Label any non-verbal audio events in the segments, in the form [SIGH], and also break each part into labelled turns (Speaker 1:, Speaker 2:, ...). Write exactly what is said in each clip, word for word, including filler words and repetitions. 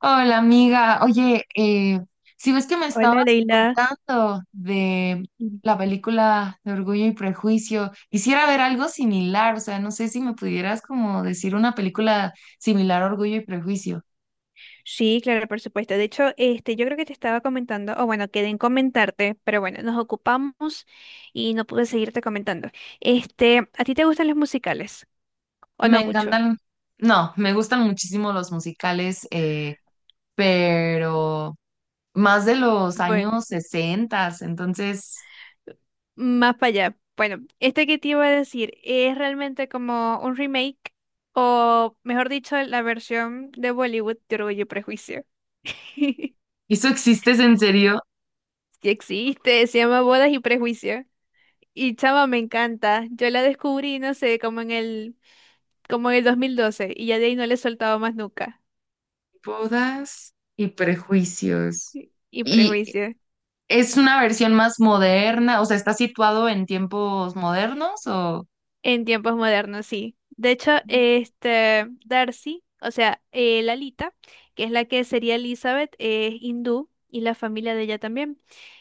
Speaker 1: Hola amiga, oye, eh, si ves que me
Speaker 2: Hola,
Speaker 1: estabas
Speaker 2: Leila.
Speaker 1: contando de
Speaker 2: Mm.
Speaker 1: la película de Orgullo y Prejuicio. Quisiera ver algo similar, o sea, no sé si me pudieras como decir una película similar a Orgullo y Prejuicio.
Speaker 2: Sí, claro, por supuesto. De hecho, este, yo creo que te estaba comentando, o bueno, quedé en comentarte, pero bueno, nos ocupamos y no pude seguirte comentando. Este, ¿a ti te gustan los musicales? ¿O
Speaker 1: Me
Speaker 2: no mucho?
Speaker 1: encantan, no, me gustan muchísimo los musicales, eh, pero más de los
Speaker 2: Bueno,
Speaker 1: años sesenta. Entonces,
Speaker 2: más para allá. Bueno, este que te iba a decir es realmente como un remake, o mejor dicho, la versión de Bollywood de Orgullo y Prejuicio. [LAUGHS]
Speaker 1: ¿eso existes en serio?
Speaker 2: Sí existe, se llama Bodas y Prejuicio. Y chama, me encanta. Yo la descubrí, no sé, como en el como en el dos mil doce y ya de ahí no le he soltado más nunca.
Speaker 1: Bodas y prejuicios.
Speaker 2: Y y
Speaker 1: Y
Speaker 2: prejuicios.
Speaker 1: ¿es una versión más moderna? O sea, ¿está situado en tiempos modernos o...?
Speaker 2: En tiempos modernos, sí. De hecho, este Darcy, o sea, eh, Lalita, que es la que sería Elizabeth, es hindú y la familia de ella también.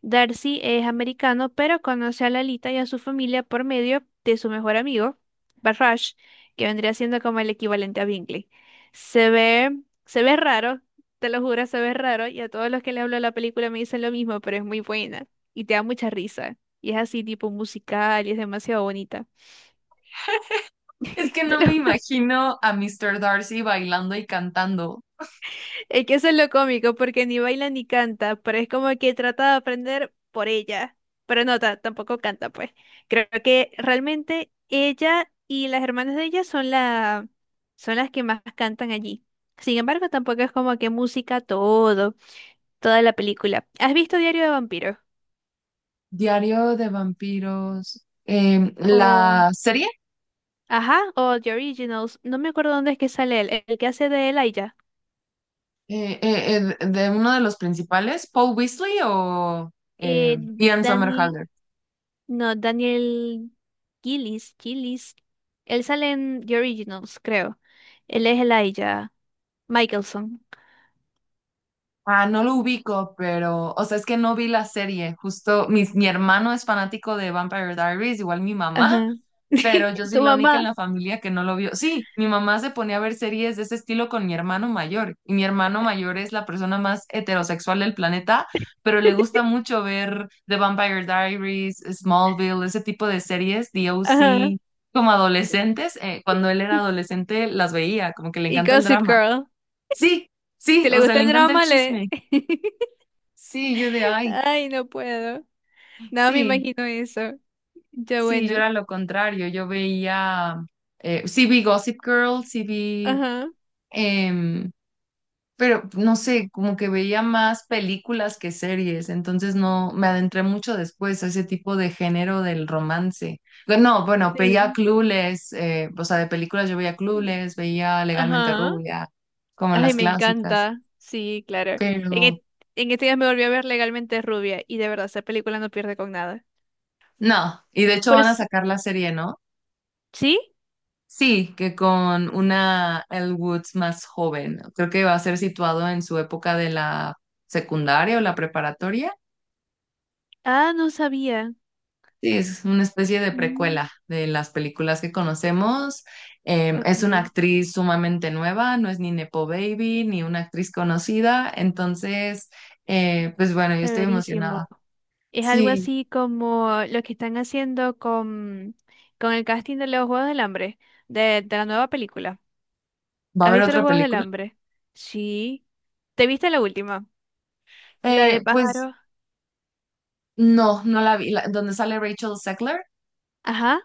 Speaker 2: Darcy es americano, pero conoce a Lalita y a su familia por medio de su mejor amigo, Barrage, que vendría siendo como el equivalente a Bingley. Se ve, se ve raro, te lo juro, se ve raro, y a todos los que le hablo de la película me dicen lo mismo, pero es muy buena y te da mucha risa. Y es así, tipo musical, y es demasiado bonita.
Speaker 1: Es que
Speaker 2: [LAUGHS] Te
Speaker 1: no me
Speaker 2: lo
Speaker 1: imagino a míster Darcy bailando y cantando.
Speaker 2: Es que eso es lo cómico, porque ni baila ni canta, pero es como que trata de aprender por ella. Pero no, ta- tampoco canta, pues. Creo que realmente ella y las hermanas de ella son la, son las que más cantan allí. Sin embargo, tampoco es como que música todo, toda la película. ¿Has visto Diario de Vampiros?
Speaker 1: Diario de vampiros. Em,
Speaker 2: O,
Speaker 1: la serie
Speaker 2: ajá, o The Originals. No me acuerdo dónde es que sale él, el que hace de Elijah.
Speaker 1: eh, eh, eh, de uno de los principales, Paul Weasley o eh,
Speaker 2: Eh,
Speaker 1: Ian
Speaker 2: Danny.
Speaker 1: Somerhalder.
Speaker 2: No, Daniel Gillis, Gillis. Él sale en The Originals, creo. Él es Elijah Michelson.
Speaker 1: Ah, no lo ubico, pero, o sea, es que no vi la serie. Justo mi, mi hermano es fanático de Vampire Diaries, igual mi mamá.
Speaker 2: Ajá.
Speaker 1: Pero yo
Speaker 2: [LAUGHS]
Speaker 1: soy
Speaker 2: Tu
Speaker 1: la única en
Speaker 2: mamá.
Speaker 1: la familia que no lo vio. Sí, mi mamá se ponía a ver series de ese estilo con mi hermano mayor, y mi hermano mayor es la persona más heterosexual del planeta, pero le gusta mucho ver The Vampire Diaries, Smallville, ese tipo de series, D o
Speaker 2: Ajá.
Speaker 1: OC, como adolescentes, eh, cuando él era adolescente las veía, como que le
Speaker 2: Y
Speaker 1: encanta el
Speaker 2: Gossip
Speaker 1: drama.
Speaker 2: Girl.
Speaker 1: Sí,
Speaker 2: Si
Speaker 1: sí,
Speaker 2: le
Speaker 1: o sea,
Speaker 2: gusta
Speaker 1: le
Speaker 2: el
Speaker 1: encanta el
Speaker 2: drama, le...
Speaker 1: chisme.
Speaker 2: [LAUGHS]
Speaker 1: Sí, yo de ay,
Speaker 2: Ay, no puedo. No me
Speaker 1: sí,
Speaker 2: imagino eso. Yo,
Speaker 1: sí, yo
Speaker 2: bueno.
Speaker 1: era lo contrario, yo veía, eh, sí vi Gossip Girl, sí vi
Speaker 2: Ajá.
Speaker 1: em, pero no sé, como que veía más películas que series, entonces no me adentré mucho después a ese tipo de género del romance. Bueno, no, bueno, veía
Speaker 2: Sí.
Speaker 1: Clueless, eh, o sea, de películas yo veía Clueless, veía Legalmente
Speaker 2: Ajá.
Speaker 1: Rubia, como
Speaker 2: Ay,
Speaker 1: las
Speaker 2: me
Speaker 1: clásicas.
Speaker 2: encanta. Sí, claro. En,
Speaker 1: Pero
Speaker 2: e- en estos días me volví a ver Legalmente Rubia y de verdad, esa película no pierde con nada.
Speaker 1: no, y de hecho
Speaker 2: Por
Speaker 1: van a
Speaker 2: eso.
Speaker 1: sacar la serie, ¿no?
Speaker 2: ¿Sí?
Speaker 1: Sí, que con una Elle Woods más joven. Creo que va a ser situado en su época de la secundaria o la preparatoria.
Speaker 2: Ah, no sabía.
Speaker 1: Sí, es una especie de
Speaker 2: Mm,
Speaker 1: precuela de las películas que conocemos. Em,
Speaker 2: ok,
Speaker 1: es una actriz sumamente nueva, no es ni Nepo Baby ni una actriz conocida. Entonces, eh, pues bueno, yo estoy
Speaker 2: severísimo.
Speaker 1: emocionada.
Speaker 2: Es algo
Speaker 1: Sí,
Speaker 2: así como lo que están haciendo con, con el casting de los Juegos del Hambre, de, de la nueva película.
Speaker 1: ¿va a
Speaker 2: ¿Has
Speaker 1: haber
Speaker 2: visto los
Speaker 1: otra
Speaker 2: Juegos del
Speaker 1: película?
Speaker 2: Hambre? Sí. ¿Te viste la última? La
Speaker 1: Eh,
Speaker 2: de
Speaker 1: pues
Speaker 2: pájaro.
Speaker 1: no, no la vi. La- ¿Dónde sale Rachel Zegler?
Speaker 2: Ajá.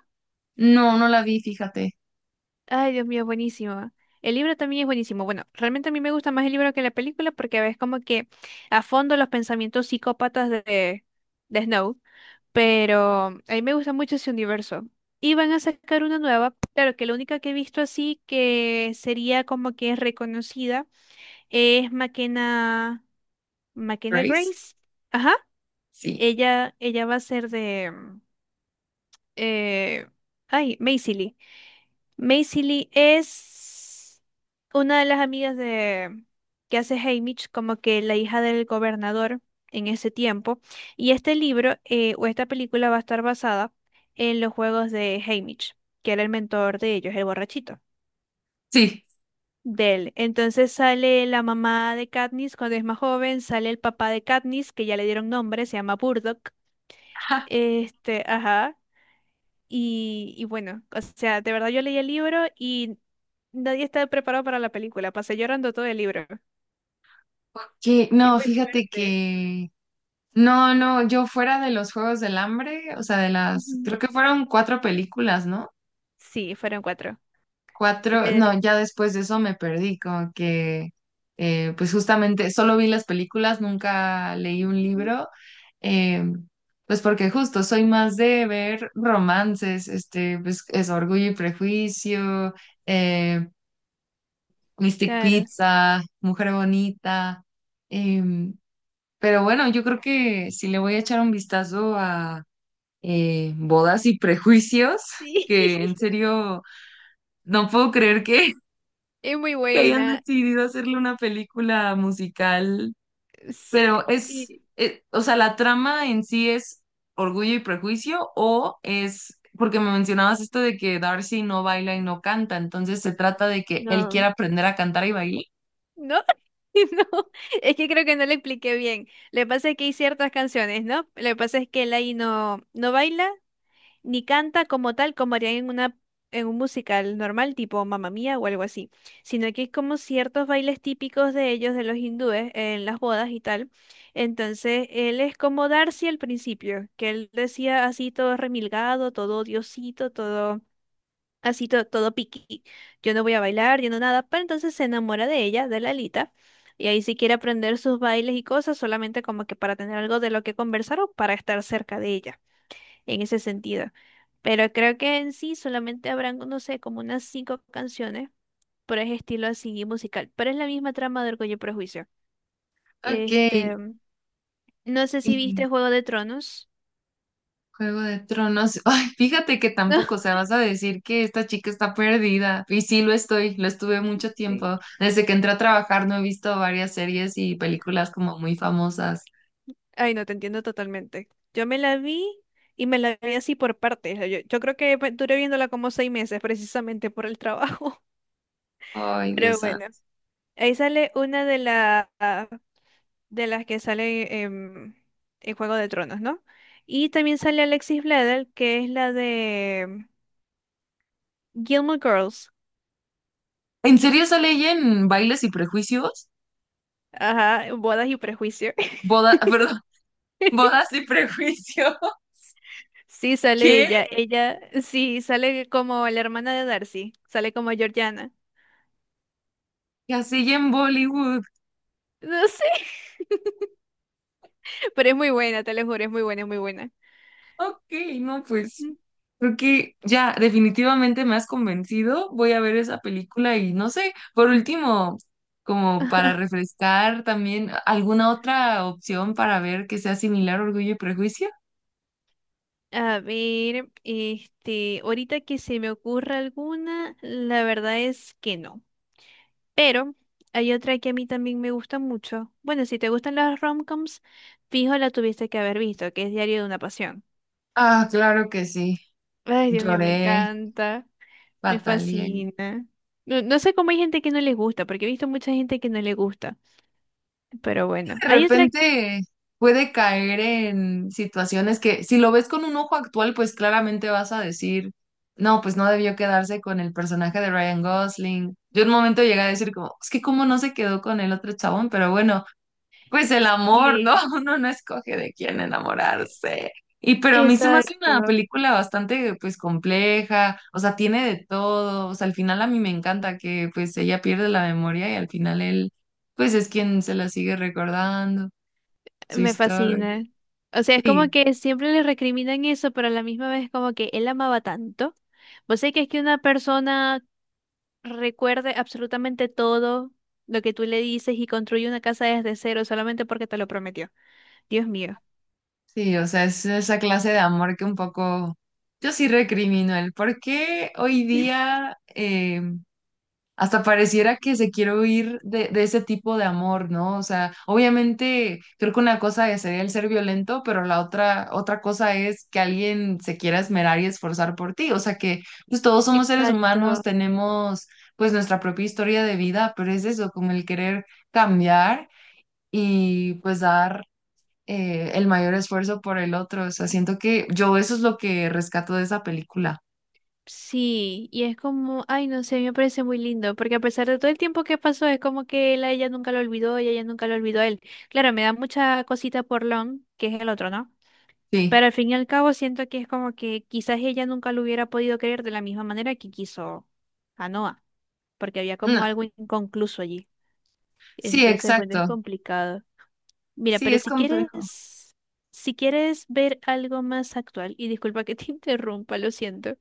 Speaker 1: No, no la vi, fíjate.
Speaker 2: Ay, Dios mío, buenísimo. El libro también es buenísimo. Bueno, realmente a mí me gusta más el libro que la película porque ves como que a fondo los pensamientos psicópatas de, de Snow. Pero a mí me gusta mucho ese universo. Y van a sacar una nueva, claro que la única que he visto así que sería como que es reconocida es Makena, Makena
Speaker 1: ¿Grace?
Speaker 2: Grace. Ajá,
Speaker 1: Sí,
Speaker 2: ella, ella va a ser de, eh, ay, Maisie Lee. Maisie Lee es una de las amigas de que hace Haymitch, como que la hija del gobernador en ese tiempo. Y este libro eh, o esta película va a estar basada en los juegos de Haymitch, que era el mentor de ellos, el borrachito
Speaker 1: sí.
Speaker 2: de él. Entonces sale la mamá de Katniss cuando es más joven, sale el papá de Katniss, que ya le dieron nombre, se llama Burdock.
Speaker 1: [LAUGHS]
Speaker 2: Este, ajá. Y, y bueno, o sea, de verdad yo leí el libro y nadie estaba preparado para la película. Pasé llorando todo el libro.
Speaker 1: Ok,
Speaker 2: Es
Speaker 1: no,
Speaker 2: muy
Speaker 1: fíjate
Speaker 2: fuerte.
Speaker 1: que no, no, yo fuera de los Juegos del Hambre, o sea, de las,
Speaker 2: Ujú.
Speaker 1: creo que fueron cuatro películas, ¿no?
Speaker 2: Sí, fueron cuatro.
Speaker 1: Cuatro, no,
Speaker 2: Porque,
Speaker 1: ya después de eso me perdí, como que, eh, pues justamente, solo vi las películas, nunca leí un
Speaker 2: Ujú.
Speaker 1: libro, eh, pues porque justo soy más de ver romances, este, pues es Orgullo y Prejuicio, eh, Mystic
Speaker 2: Claro,
Speaker 1: Pizza, Mujer Bonita, em, pero bueno, yo creo que si le voy a echar un vistazo eh, Bodas y Prejuicios,
Speaker 2: sí,
Speaker 1: que
Speaker 2: [LAUGHS]
Speaker 1: en serio no puedo creer que
Speaker 2: es muy
Speaker 1: [LAUGHS] que hayan
Speaker 2: buena.
Speaker 1: decidido hacerle una película musical,
Speaker 2: es-
Speaker 1: pero es,
Speaker 2: Y
Speaker 1: eh, o sea, la trama en sí es Orgullo y Prejuicio o es, porque me mencionabas esto de que Darcy no baila y no canta, entonces se trata de que él
Speaker 2: no,
Speaker 1: quiera aprender a cantar y bailar.
Speaker 2: no, [LAUGHS] no, es que creo que no le expliqué bien. Le pasa es que hay ciertas canciones, ¿no? Le pasa es que Eli no, no baila ni canta como tal como harían en una en un musical normal tipo Mamma Mía o algo así, sino que es como ciertos bailes típicos de ellos, de los hindúes, en las bodas y tal. Entonces, él es como Darcy al principio, que él decía así todo remilgado, todo diosito, todo así to- todo piqui. Yo no voy a bailar, yo no nada, pero entonces se enamora de ella, de Lalita. Y ahí sí quiere aprender sus bailes y cosas, solamente como que para tener algo de lo que conversar o para estar cerca de ella en ese sentido. Pero creo que en sí solamente habrán, no sé, como unas cinco canciones por ese estilo así musical. Pero es la misma trama de Orgullo y Prejuicio.
Speaker 1: Ok.
Speaker 2: Este, no sé si
Speaker 1: Y
Speaker 2: viste Juego de Tronos.
Speaker 1: Juego de Tronos. [LAUGHS] Ay, fíjate que tampoco, o
Speaker 2: [LAUGHS]
Speaker 1: sea, vas a decir que esta chica está perdida. Y sí, lo estoy, lo estuve mucho tiempo. Desde que entré a trabajar no he visto varias series y películas como muy famosas.
Speaker 2: Ay, no, te entiendo totalmente. Yo me la vi y me la vi así por partes. Yo, yo creo que pues, duré viéndola como seis meses precisamente por el trabajo.
Speaker 1: Ay,
Speaker 2: [LAUGHS]
Speaker 1: Dios
Speaker 2: Pero bueno,
Speaker 1: santo.
Speaker 2: ahí sale una de las de las que sale em, en Juego de Tronos, ¿no? Y también sale Alexis Bledel, que es la de Gilmore Girls,
Speaker 1: ¿En serio sale ella en Bailes y Prejuicios?
Speaker 2: ajá, Bodas y Prejuicio.
Speaker 1: Boda, [LAUGHS] perdón,
Speaker 2: [LAUGHS]
Speaker 1: Bodas y Prejuicios. [LAUGHS]
Speaker 2: Sí, sale
Speaker 1: ¿Qué?
Speaker 2: ella, ella, sí, sale como la hermana de Darcy, sale como Georgiana.
Speaker 1: Y así en Bollywood.
Speaker 2: No sé, [LAUGHS] pero es muy buena, te lo juro, es muy buena, es muy buena.
Speaker 1: Ok, no, pues.
Speaker 2: Mm.
Speaker 1: Creo que ya definitivamente me has convencido. Voy a ver esa película y no sé, por último, como para refrescar también, ¿alguna otra opción para ver que sea similar a Orgullo y Prejuicio?
Speaker 2: A ver, este, ahorita que se me ocurra alguna, la verdad es que no. Pero hay otra que a mí también me gusta mucho. Bueno, si te gustan las romcoms, fijo la tuviste que haber visto, que es Diario de una Pasión.
Speaker 1: Ah, claro que sí.
Speaker 2: Ay, Dios mío, me
Speaker 1: Lloré,
Speaker 2: encanta, me
Speaker 1: batallé.
Speaker 2: fascina. No, no sé cómo hay gente que no les gusta, porque he visto mucha gente que no le gusta. Pero bueno,
Speaker 1: De
Speaker 2: hay otra...
Speaker 1: repente puede caer en situaciones que si lo ves con un ojo actual, pues claramente vas a decir, no, pues no debió quedarse con el personaje de Ryan Gosling. Yo en un momento llegué a decir como, es que cómo no se quedó con el otro chabón, pero bueno, pues el amor, ¿no?
Speaker 2: Sí,
Speaker 1: [LAUGHS] Uno no escoge de quién
Speaker 2: eh,
Speaker 1: enamorarse. Y pero a mí se me hace una
Speaker 2: exacto,
Speaker 1: película bastante pues compleja, o sea, tiene de todo, o sea, al final a mí me encanta que pues ella pierde la memoria y al final él pues es quien se la sigue recordando. Su
Speaker 2: me
Speaker 1: historia.
Speaker 2: fascina. O sea, es como
Speaker 1: Sí,
Speaker 2: que siempre le recriminan eso, pero a la misma vez como que él amaba tanto. Vos sé que es que una persona recuerde absolutamente todo lo que tú le dices y construye una casa desde cero solamente porque te lo prometió. Dios mío.
Speaker 1: sí, o sea, es esa clase de amor que un poco yo sí recrimino el por qué hoy día eh, hasta pareciera que se quiere huir de, de ese tipo de amor, ¿no? O sea, obviamente creo que una cosa sería el ser violento, pero la otra, otra cosa es que alguien se quiera esmerar y esforzar por ti. O sea que pues, todos somos seres humanos,
Speaker 2: Exacto.
Speaker 1: tenemos pues nuestra propia historia de vida, pero es eso, como el querer cambiar y pues dar eh, el mayor esfuerzo por el otro. O sea, siento que yo eso es lo que rescato de esa película.
Speaker 2: Sí, y es como, ay, no sé, me parece muy lindo, porque a pesar de todo el tiempo que pasó, es como que él a ella nunca lo olvidó y ella nunca lo olvidó a él. Claro, me da mucha cosita por Lon, que es el otro, ¿no?
Speaker 1: Sí,
Speaker 2: Pero al fin y al cabo siento que es como que quizás ella nunca lo hubiera podido querer de la misma manera que quiso a Noah, porque había como
Speaker 1: no,
Speaker 2: algo inconcluso allí.
Speaker 1: sí,
Speaker 2: Entonces, bueno, es
Speaker 1: exacto.
Speaker 2: complicado. Mira,
Speaker 1: Sí,
Speaker 2: pero
Speaker 1: es
Speaker 2: si
Speaker 1: complejo.
Speaker 2: quieres, si quieres ver algo más actual, y disculpa que te [LAUGHS] interrumpa, lo siento.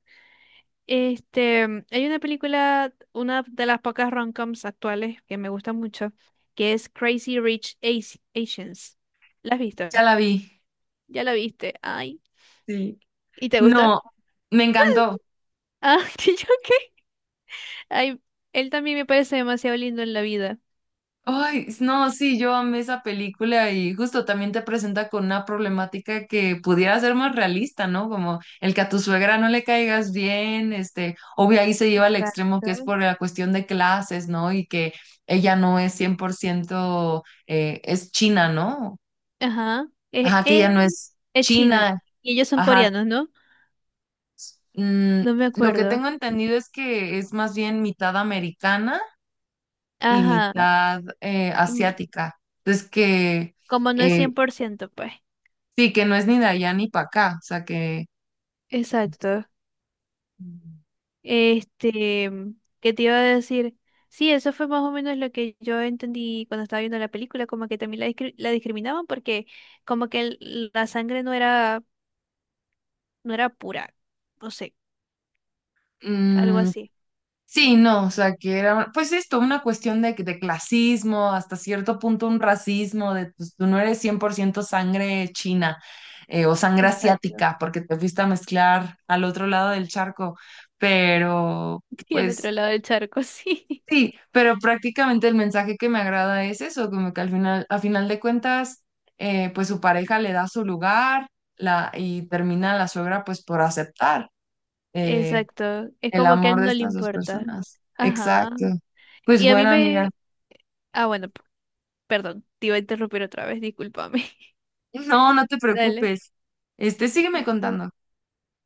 Speaker 2: Este, mm, hay una película, una de las pocas rom-coms actuales que me gusta mucho, que es Crazy Rich Asi- Asians. ¿La has visto?
Speaker 1: Ya la vi.
Speaker 2: Ya la viste. Ay.
Speaker 1: Sí.
Speaker 2: ¿Y te gusta?
Speaker 1: No, me encantó.
Speaker 2: Ah, [LAUGHS] ¿y yo qué? Ay, él también me parece demasiado lindo en la vida.
Speaker 1: Ay, s- no, sí, yo amé esa película y justo también te presenta con una problemática que pudiera ser más realista, ¿no? Como el que a tu suegra no le caigas bien, este, obvio ahí se lleva al
Speaker 2: Exacto.
Speaker 1: extremo que es por la cuestión de clases, ¿no? Y que ella no es cien por ciento eh, es china, ¿no?
Speaker 2: Ajá. Es,
Speaker 1: Ajá, que
Speaker 2: es,
Speaker 1: ella no es
Speaker 2: es China.
Speaker 1: china,
Speaker 2: Y ellos son
Speaker 1: ajá.
Speaker 2: coreanos, ¿no?
Speaker 1: Mm,
Speaker 2: No me
Speaker 1: lo que
Speaker 2: acuerdo.
Speaker 1: tengo entendido es que es más bien mitad americana y
Speaker 2: Ajá.
Speaker 1: mitad eh, asiática. Entonces que
Speaker 2: Como no es
Speaker 1: eh,
Speaker 2: cien por ciento pues.
Speaker 1: sí, que no es ni de allá ni para acá, o sea que...
Speaker 2: Exacto.
Speaker 1: Mm,
Speaker 2: Este, mm, ¿qué te iba a decir? Sí, eso fue más o menos lo que yo entendí cuando estaba viendo la película, como que también la, discri- la discriminaban porque como que el- la sangre no era, no era pura, no sé, algo
Speaker 1: mm,
Speaker 2: así.
Speaker 1: sí, no, o sea, que era, pues esto, una cuestión de, de clasismo, hasta cierto punto un racismo, de pues, tú no eres cien por ciento sangre china eh, o sangre
Speaker 2: Exacto.
Speaker 1: asiática, porque te fuiste a mezclar al otro lado del charco, pero
Speaker 2: [LAUGHS] Y al
Speaker 1: pues
Speaker 2: otro lado del charco, sí.
Speaker 1: sí, pero prácticamente el mensaje que me agrada es eso, como que al final, a final de cuentas, eh, pues su pareja le da su lugar. La, y termina la suegra pues por aceptar eh,
Speaker 2: Exacto. Es
Speaker 1: el
Speaker 2: como que a
Speaker 1: amor
Speaker 2: él
Speaker 1: de
Speaker 2: no le
Speaker 1: estas dos
Speaker 2: importa.
Speaker 1: personas.
Speaker 2: Ajá.
Speaker 1: Exacto. Pues
Speaker 2: Y a mí
Speaker 1: bueno, amiga.
Speaker 2: me... Ah, bueno, p- perdón, te iba a interrumpir otra vez, discúlpame.
Speaker 1: No, no te
Speaker 2: [LAUGHS] Dale.
Speaker 1: preocupes. Este, sígueme contando.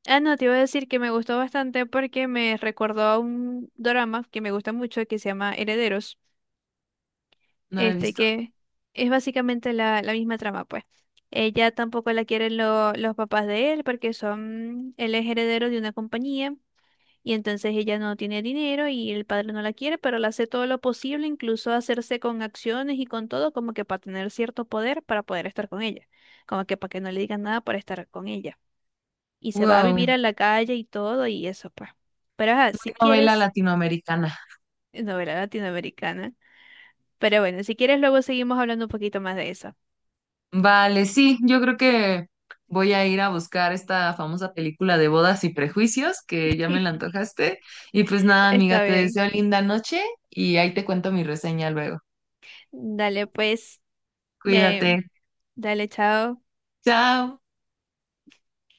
Speaker 2: Ah, no, te iba a decir que me gustó bastante porque me recordó a un drama que me gusta mucho que se llama Herederos,
Speaker 1: No lo he
Speaker 2: este
Speaker 1: visto.
Speaker 2: que es básicamente la, la misma trama, pues. Ella tampoco la quieren lo- los papás de él porque son, él es heredero de una compañía y entonces ella no tiene dinero y el padre no la quiere, pero le hace todo lo posible, incluso hacerse con acciones y con todo, como que para tener cierto poder para poder estar con ella, como que para que no le digan nada por estar con ella y se va a
Speaker 1: Wow,
Speaker 2: vivir a la calle y todo y eso, pues. Pero ajá, si
Speaker 1: muy novela
Speaker 2: quieres,
Speaker 1: latinoamericana.
Speaker 2: eh, novela latinoamericana. Pero bueno, si quieres luego seguimos hablando un poquito más de eso.
Speaker 1: Vale, sí, yo creo que voy a ir a buscar esta famosa película de Bodas y Prejuicios, que ya me la
Speaker 2: [LAUGHS]
Speaker 1: antojaste. Y pues nada, amiga,
Speaker 2: Está
Speaker 1: te
Speaker 2: bien.
Speaker 1: deseo linda noche y ahí te cuento mi reseña luego.
Speaker 2: Dale, pues, me,
Speaker 1: Cuídate.
Speaker 2: dale, chao.
Speaker 1: Chao.